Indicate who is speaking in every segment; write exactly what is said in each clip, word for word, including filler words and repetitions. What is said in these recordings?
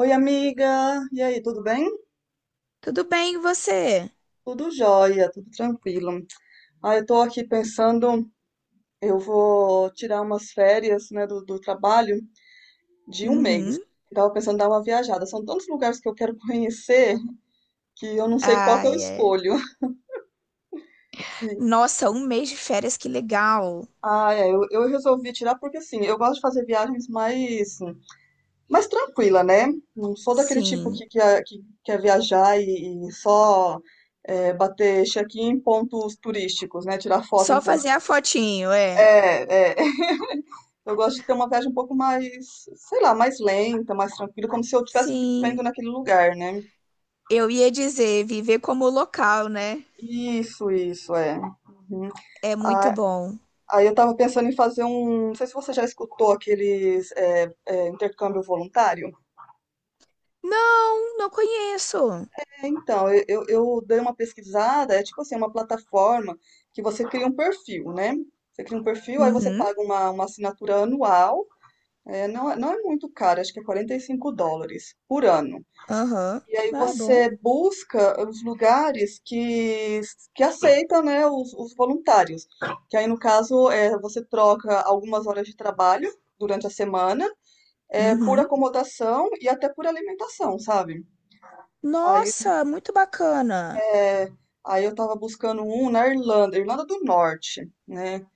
Speaker 1: Oi, amiga. E aí, tudo bem?
Speaker 2: Tudo bem, e você?
Speaker 1: Tudo jóia, tudo tranquilo. Ah, eu tô aqui pensando, eu vou tirar umas férias, né, do, do trabalho de um mês.
Speaker 2: Uhum.
Speaker 1: Eu tava pensando em dar uma viajada. São tantos lugares que eu quero conhecer que eu não sei qual que eu
Speaker 2: Ai, é.
Speaker 1: escolho.
Speaker 2: Nossa, um mês de férias, que legal.
Speaker 1: Ah, é, eu, eu resolvi tirar porque, assim, eu gosto de fazer viagens mais, mais tranquila, né? Não sou daquele tipo
Speaker 2: Sim.
Speaker 1: que, que, é- que quer viajar e, e só é, bater check-in em pontos turísticos, né? Tirar foto em
Speaker 2: Só fazer
Speaker 1: pontos.
Speaker 2: a fotinho, é.
Speaker 1: É, é, eu gosto de ter uma viagem um pouco mais, sei lá, mais lenta, mais tranquila, como se eu estivesse vivendo
Speaker 2: Sim.
Speaker 1: naquele lugar, né?
Speaker 2: Eu ia dizer, viver como local, né?
Speaker 1: Isso, isso, é. Uhum.
Speaker 2: É muito
Speaker 1: Ah,
Speaker 2: bom.
Speaker 1: aí eu tava pensando em fazer um. Não sei se você já escutou aqueles é, é, intercâmbio voluntário.
Speaker 2: Não, não conheço.
Speaker 1: É, então, eu, eu eu dei uma pesquisada, é tipo assim, uma plataforma que você cria um perfil, né? Você cria um perfil, aí você
Speaker 2: Uhum.
Speaker 1: paga uma, uma assinatura anual. É, não, é- não é muito caro, acho que é quarenta e cinco dólares por ano.
Speaker 2: Aham.
Speaker 1: E aí
Speaker 2: Ah, é bom.
Speaker 1: você busca os lugares que, que aceitam, né, os, os voluntários. Que aí, no caso, é, você troca algumas horas de trabalho durante a semana, é, por
Speaker 2: Uhum.
Speaker 1: acomodação e até por alimentação, sabe? Aí,
Speaker 2: Nossa, muito bacana.
Speaker 1: é, aí eu tava buscando um na Irlanda, Irlanda do Norte, né?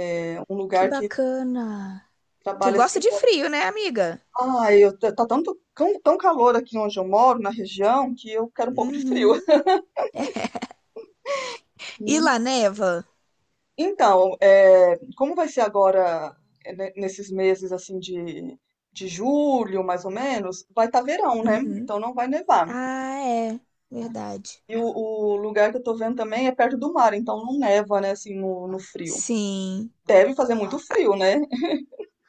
Speaker 1: É um
Speaker 2: Que
Speaker 1: lugar que
Speaker 2: bacana. Tu
Speaker 1: trabalha
Speaker 2: gosta de
Speaker 1: cinco horas.
Speaker 2: frio, né, amiga?
Speaker 1: Ai, eu, tá tanto, tão, tão calor aqui onde eu moro, na região, que eu quero um pouco de frio.
Speaker 2: Uhum. E lá neva?
Speaker 1: Então, eh, como vai ser agora, eh, ne- nesses meses assim de, de julho, mais ou menos, vai estar verão, né?
Speaker 2: Uhum.
Speaker 1: Então não vai nevar.
Speaker 2: Ah, é, verdade.
Speaker 1: E o, o lugar que eu tô vendo também é perto do mar, então não neva, né, assim, no, no frio.
Speaker 2: Sim.
Speaker 1: Deve fazer muito
Speaker 2: Ah,
Speaker 1: frio, né?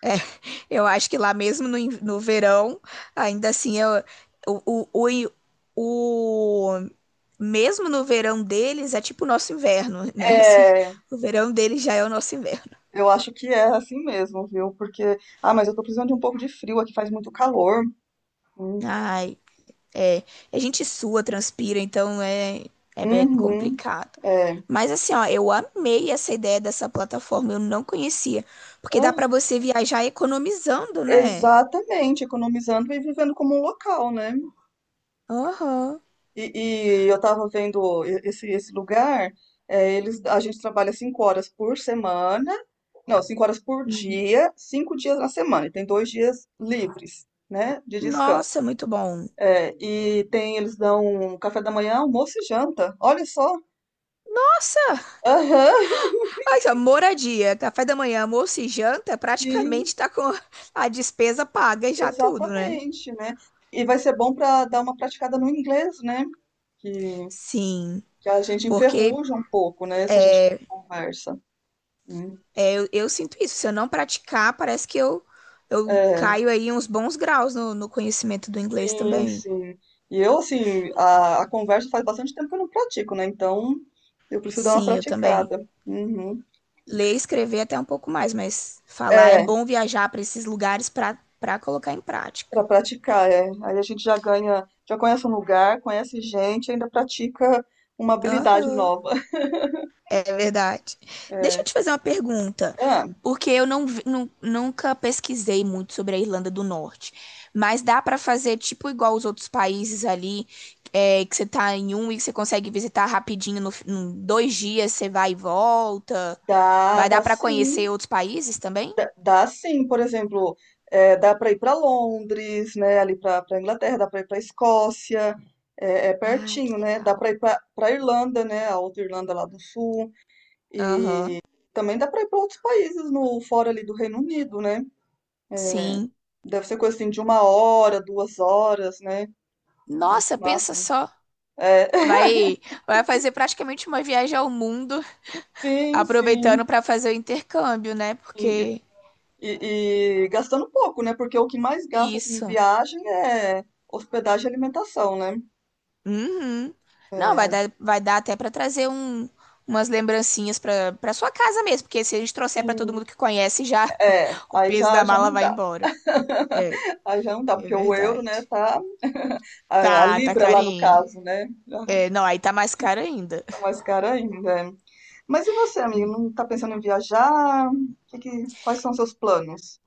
Speaker 2: é, eu acho que lá mesmo no, in- no verão, ainda assim, eu, o, o, o, o- mesmo no verão deles é tipo o nosso inverno, né? Assim,
Speaker 1: É,
Speaker 2: o verão deles já é o nosso inverno.
Speaker 1: eu acho que é assim mesmo, viu? Porque, ah, mas eu tô precisando de um pouco de frio aqui, faz muito calor. Hum,
Speaker 2: Ai, é. A gente sua, transpira, então é, é bem
Speaker 1: Uhum,
Speaker 2: complicado.
Speaker 1: é.
Speaker 2: Mas assim, ó, eu amei essa ideia dessa plataforma, eu não conhecia, porque dá pra
Speaker 1: Ah,
Speaker 2: você viajar economizando, né?
Speaker 1: exatamente, economizando e vivendo como um local, né?
Speaker 2: Aham.
Speaker 1: E, e eu tava vendo e- esse, esse lugar, é, eles, a gente trabalha cinco horas por semana, não, cinco horas por
Speaker 2: Uhum.
Speaker 1: dia, cinco dias na semana, e tem dois dias livres, né, de descanso.
Speaker 2: Nossa, muito bom.
Speaker 1: É, e tem, eles dão café da manhã, almoço e janta, olha só.
Speaker 2: Nossa,
Speaker 1: Aham,
Speaker 2: ai, só, moradia, café da manhã, almoço e janta,
Speaker 1: sim,
Speaker 2: praticamente tá com a despesa paga e já tudo, né?
Speaker 1: exatamente, né? E vai ser bom para dar uma praticada no inglês, né? Que,
Speaker 2: Sim,
Speaker 1: que a gente
Speaker 2: porque
Speaker 1: enferruja um pouco, né, se a gente conversa, né?
Speaker 2: é, eu, eu sinto isso. Se eu não praticar, parece que eu, eu
Speaker 1: É.
Speaker 2: caio aí uns bons graus no, no conhecimento do inglês
Speaker 1: Sim,
Speaker 2: também.
Speaker 1: sim. E eu, assim, a, a conversa faz bastante tempo que eu não pratico, né? Então, eu preciso dar uma
Speaker 2: Sim, eu também.
Speaker 1: praticada. Uhum.
Speaker 2: Ler e escrever até um pouco mais, mas falar é
Speaker 1: É,
Speaker 2: bom viajar para esses lugares para para colocar em prática.
Speaker 1: pra praticar, é. Aí a gente já ganha, já conhece um lugar, conhece gente, ainda pratica uma habilidade
Speaker 2: Aham.
Speaker 1: nova.
Speaker 2: É verdade. Deixa eu
Speaker 1: É.
Speaker 2: te fazer uma pergunta,
Speaker 1: Ah,
Speaker 2: porque eu não, vi- nu- nunca pesquisei muito sobre a Irlanda do Norte, mas dá pra fazer tipo igual os outros países ali, é, que você tá em um e que você consegue visitar rapidinho, no, fi- em dois dias você vai e volta.
Speaker 1: dá,
Speaker 2: Vai
Speaker 1: dá
Speaker 2: dar pra
Speaker 1: sim.
Speaker 2: conhecer outros países também?
Speaker 1: Dá, dá sim, por exemplo, é, dá pra ir pra Londres, né? Ali pra pra Inglaterra, dá pra ir pra Escócia, é, é
Speaker 2: Ai, que
Speaker 1: pertinho, né? Dá pra
Speaker 2: legal.
Speaker 1: ir pra pra Irlanda, né? A outra Irlanda lá do Sul.
Speaker 2: Aham,
Speaker 1: Também dá para ir para outros países no fora ali do Reino Unido, né?
Speaker 2: sim.
Speaker 1: Deve ser coisa assim de uma hora, duas horas, né? No
Speaker 2: Nossa, pensa
Speaker 1: máximo.
Speaker 2: só.
Speaker 1: É,
Speaker 2: Vai, vai fazer praticamente uma viagem ao mundo,
Speaker 1: sim,
Speaker 2: aproveitando
Speaker 1: sim.
Speaker 2: pra fazer o intercâmbio, né?
Speaker 1: E,
Speaker 2: Porque
Speaker 1: e- e gastando pouco, né? Porque o que mais gasta assim, em
Speaker 2: isso.
Speaker 1: viagem é hospedagem e alimentação, né?
Speaker 2: Uhum.
Speaker 1: É,
Speaker 2: Não, vai
Speaker 1: aí,
Speaker 2: dar, vai dar até pra trazer um, umas lembrancinhas pra para sua casa mesmo, porque se a gente trouxer pra todo
Speaker 1: sim,
Speaker 2: mundo que conhece, já
Speaker 1: é,
Speaker 2: o
Speaker 1: aí
Speaker 2: peso
Speaker 1: já,
Speaker 2: da
Speaker 1: já
Speaker 2: mala
Speaker 1: não
Speaker 2: vai
Speaker 1: dá.
Speaker 2: embora. É,
Speaker 1: Aí já não dá,
Speaker 2: é
Speaker 1: porque o euro, né,
Speaker 2: verdade.
Speaker 1: tá. A, a
Speaker 2: Tá, tá
Speaker 1: libra lá no
Speaker 2: carinho.
Speaker 1: caso, né? Já
Speaker 2: É, não, aí tá mais caro ainda.
Speaker 1: tá mais cara ainda. Mas e você, amigo? Não tá pensando em viajar? Que que- quais são os seus planos?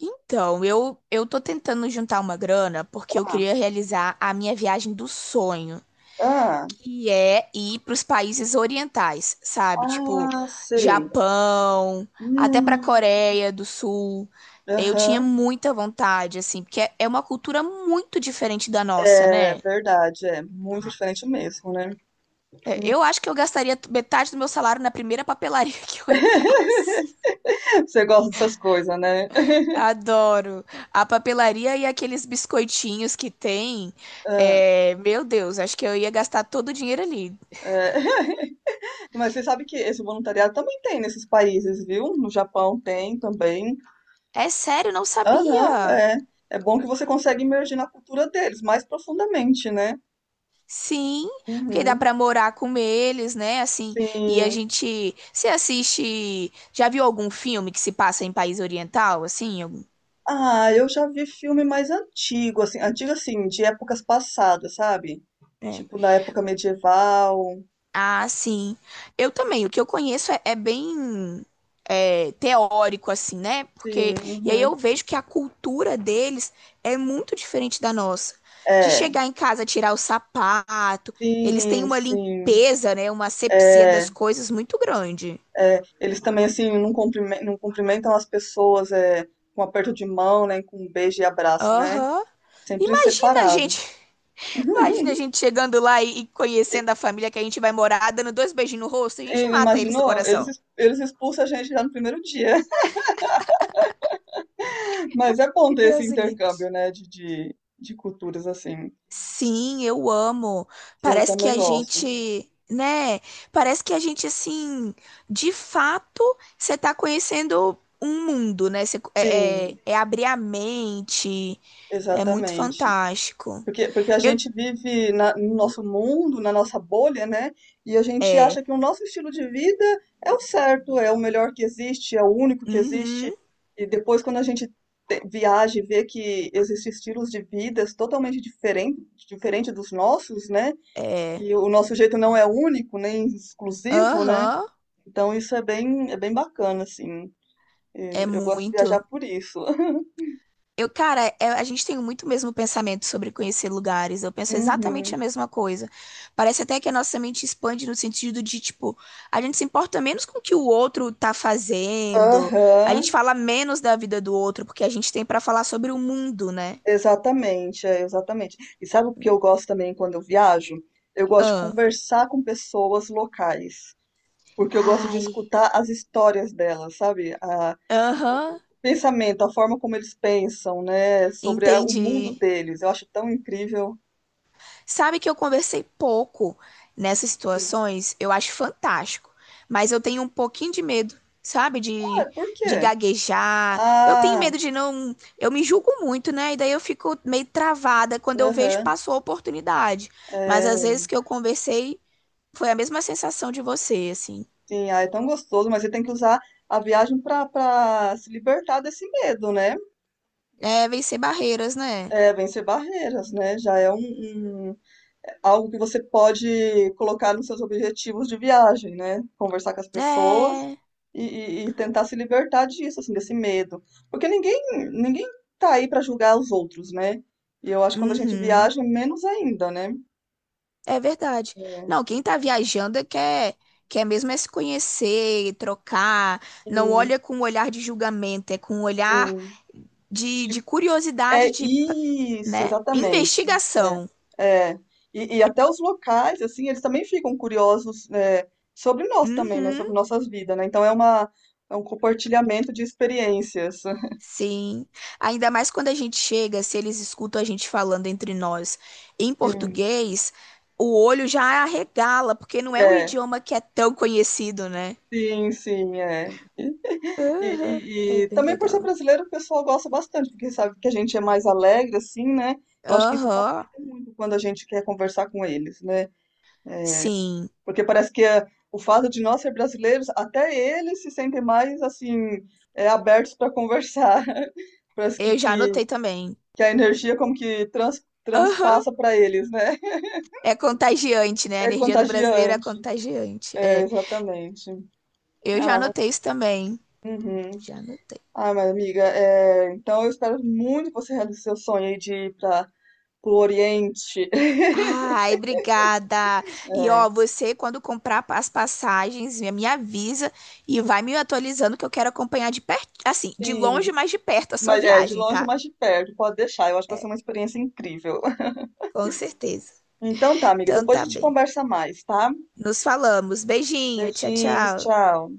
Speaker 2: Então, eu eu tô tentando juntar uma grana porque eu
Speaker 1: Ah,
Speaker 2: queria realizar a minha viagem dos sonhos.
Speaker 1: ah,
Speaker 2: Que é ir para os países orientais, sabe? Tipo,
Speaker 1: ah, sei.
Speaker 2: Japão, até
Speaker 1: Hum,
Speaker 2: para Coreia do Sul. Eu tinha
Speaker 1: aham.
Speaker 2: muita vontade, assim, porque é é uma cultura muito diferente da nossa,
Speaker 1: É
Speaker 2: né?
Speaker 1: verdade, é muito diferente mesmo, né?
Speaker 2: É, eu acho que eu gastaria t- metade do meu salário na primeira papelaria que eu entrasse.
Speaker 1: Você gosta dessas coisas, né?
Speaker 2: Adoro. A papelaria e aqueles biscoitinhos que tem.
Speaker 1: Ah,
Speaker 2: É, meu Deus, acho que eu ia gastar todo o dinheiro ali.
Speaker 1: é. Mas você sabe que esse voluntariado também tem nesses países, viu? No Japão tem também.
Speaker 2: É sério, não
Speaker 1: Aham,
Speaker 2: sabia.
Speaker 1: é. É bom que você consegue imergir na cultura deles mais profundamente, né?
Speaker 2: Sim, porque dá
Speaker 1: Uhum.
Speaker 2: pra morar com eles, né? Assim, e a
Speaker 1: Sim.
Speaker 2: gente se assiste. Já viu algum filme que se passa em país oriental, assim? Algum-
Speaker 1: Ah, eu já vi filme mais antigo, assim, antigo assim, de épocas passadas, sabe?
Speaker 2: é.
Speaker 1: Tipo na época medieval.
Speaker 2: Ah, sim. Eu também. O que eu conheço é, é bem é, teórico, assim, né?
Speaker 1: Sim,
Speaker 2: Porque e aí eu
Speaker 1: uhum.
Speaker 2: vejo que a cultura deles é muito diferente da nossa. De
Speaker 1: É,
Speaker 2: chegar em casa, tirar o sapato, eles têm
Speaker 1: sim,
Speaker 2: uma
Speaker 1: sim.
Speaker 2: limpeza, né? Uma asepsia
Speaker 1: É,
Speaker 2: das coisas muito grande.
Speaker 1: é. Eles também assim não cumprimen- não cumprimentam as pessoas é, com aperto de mão, né, com um beijo e abraço, né?
Speaker 2: Aham.
Speaker 1: Sempre
Speaker 2: Imagina,
Speaker 1: separado.
Speaker 2: gente. Imagina a gente chegando lá e, e conhecendo a família que a gente vai morar, dando dois beijinhos no rosto, a gente
Speaker 1: Ele
Speaker 2: mata eles do
Speaker 1: imaginou? Eles,
Speaker 2: coração.
Speaker 1: ex- eles expulsam a gente já no primeiro dia. Mas é bom
Speaker 2: E
Speaker 1: ter esse
Speaker 2: Deus o livre.
Speaker 1: intercâmbio, né, de, de, de culturas assim.
Speaker 2: Sim, eu amo.
Speaker 1: Eu
Speaker 2: Parece que
Speaker 1: também
Speaker 2: a
Speaker 1: gosto.
Speaker 2: gente, né? Parece que a gente, assim, de fato, você tá conhecendo um mundo, né? Você, é, é,
Speaker 1: Sim.
Speaker 2: é abrir a mente, é muito
Speaker 1: Exatamente.
Speaker 2: fantástico.
Speaker 1: Porque, porque a
Speaker 2: Eu,
Speaker 1: gente vive na- no nosso mundo, na nossa bolha, né? E a gente
Speaker 2: é,
Speaker 1: acha que o nosso estilo de vida é o certo, é o melhor que existe, é o único que
Speaker 2: uhum,
Speaker 1: existe. E depois, quando a gente te- viaja e vê que existem estilos de vidas totalmente diferentes, diferente dos nossos, né?
Speaker 2: é,
Speaker 1: E o nosso jeito não é único, nem exclusivo, né?
Speaker 2: aham,
Speaker 1: Então isso é bem, é bem bacana, assim.
Speaker 2: é
Speaker 1: Eh, Eu gosto de viajar
Speaker 2: muito.
Speaker 1: por isso.
Speaker 2: Eu, cara, é- a gente tem muito o mesmo pensamento sobre conhecer lugares. Eu penso exatamente
Speaker 1: Uhum.
Speaker 2: a mesma coisa. Parece até que a nossa mente expande no sentido de, tipo, a gente se importa menos com o que o outro tá fazendo, a
Speaker 1: Aham.
Speaker 2: gente fala menos da vida do outro, porque a gente tem pra falar sobre o mundo, né?
Speaker 1: Exatamente, é, exatamente. E sabe o que eu gosto também quando eu viajo? Eu gosto de
Speaker 2: Ah.
Speaker 1: conversar com pessoas locais, porque eu gosto de
Speaker 2: Ai.
Speaker 1: escutar as histórias delas, sabe? A,
Speaker 2: Aham.
Speaker 1: o pensamento, a forma como eles pensam, né? Sobre a- o mundo
Speaker 2: Entendi.
Speaker 1: deles. Eu acho tão incrível.
Speaker 2: Sabe que eu conversei pouco nessas
Speaker 1: Hum.
Speaker 2: situações, eu acho fantástico, mas eu tenho um pouquinho de medo, sabe?
Speaker 1: Ah, é,
Speaker 2: De,
Speaker 1: por
Speaker 2: de
Speaker 1: quê?
Speaker 2: gaguejar. Eu tenho
Speaker 1: Ah,
Speaker 2: medo de não. Eu me julgo muito, né? E daí eu fico meio travada quando eu vejo
Speaker 1: aham,
Speaker 2: passou a oportunidade. Mas às
Speaker 1: é,
Speaker 2: vezes que eu conversei, foi a mesma sensação de você, assim.
Speaker 1: sim, ah, é tão gostoso, mas você tem que usar a viagem para para se libertar desse medo, né?
Speaker 2: É vencer barreiras, né?
Speaker 1: É, vencer barreiras, né? Já é um, um algo que você pode colocar nos seus objetivos de viagem, né? Conversar com as pessoas
Speaker 2: É.
Speaker 1: e, e- e tentar se libertar disso, assim, desse medo. Porque ninguém, ninguém tá aí para julgar os outros, né? E eu acho que quando a gente
Speaker 2: Uhum.
Speaker 1: viaja, menos ainda, né?
Speaker 2: É verdade.
Speaker 1: É,
Speaker 2: Não, quem tá viajando é quer, quer mesmo é se conhecer, trocar, não
Speaker 1: e-
Speaker 2: olha com um olhar de julgamento, é com um olhar
Speaker 1: sim.
Speaker 2: de, de
Speaker 1: De- É
Speaker 2: curiosidade, de,
Speaker 1: isso,
Speaker 2: né,
Speaker 1: exatamente.
Speaker 2: investigação.
Speaker 1: É, é. E, e até os locais, assim, eles também ficam curiosos, é, sobre nós também, né?
Speaker 2: Uhum,
Speaker 1: Sobre nossas vidas, né? Então é uma, é um compartilhamento de experiências.
Speaker 2: sim. Ainda mais quando a gente chega, se eles escutam a gente falando entre nós em
Speaker 1: Hum,
Speaker 2: português, o olho já arregala, porque não é um
Speaker 1: é,
Speaker 2: idioma que é tão conhecido, né?
Speaker 1: sim, sim, é. E,
Speaker 2: Aham, é
Speaker 1: e- e
Speaker 2: bem
Speaker 1: também por ser
Speaker 2: legal.
Speaker 1: brasileiro, o pessoal gosta bastante, porque sabe que a gente é mais alegre, assim, né? Eu acho que isso
Speaker 2: Aham,
Speaker 1: facilita muito quando a gente quer conversar com eles, né?
Speaker 2: sim.
Speaker 1: Porque parece que é, o fato de nós ser brasileiros, até eles se sentem mais, assim, é, abertos para conversar. Parece que,
Speaker 2: Eu já
Speaker 1: que,
Speaker 2: anotei também.
Speaker 1: que a energia como que trans,
Speaker 2: Aham.
Speaker 1: transpassa para eles, né?
Speaker 2: É contagiante, né? A
Speaker 1: É
Speaker 2: energia do brasileiro é
Speaker 1: contagiante.
Speaker 2: contagiante.
Speaker 1: É,
Speaker 2: É,
Speaker 1: exatamente.
Speaker 2: eu já
Speaker 1: Ah, mas,
Speaker 2: anotei isso também.
Speaker 1: uhum.
Speaker 2: Já anotei.
Speaker 1: Ah, mas amiga, é, então eu espero muito que você realize seu sonho aí de ir para o Oriente.
Speaker 2: Ai, obrigada. E
Speaker 1: É,
Speaker 2: ó, você quando comprar pa- as passagens, me me avisa e vai me atualizando que eu quero acompanhar de perto, assim, de
Speaker 1: sim,
Speaker 2: longe, mas de perto a sua
Speaker 1: mas é de
Speaker 2: viagem,
Speaker 1: longe,
Speaker 2: tá?
Speaker 1: mas de perto, pode deixar. Eu acho que vai ser uma experiência incrível.
Speaker 2: Com certeza.
Speaker 1: Então tá, amiga,
Speaker 2: Então
Speaker 1: depois a
Speaker 2: tá
Speaker 1: gente
Speaker 2: bem.
Speaker 1: conversa mais, tá?
Speaker 2: Nos falamos. Beijinho, tchau,
Speaker 1: Beijinhos,
Speaker 2: tchau.
Speaker 1: tchau.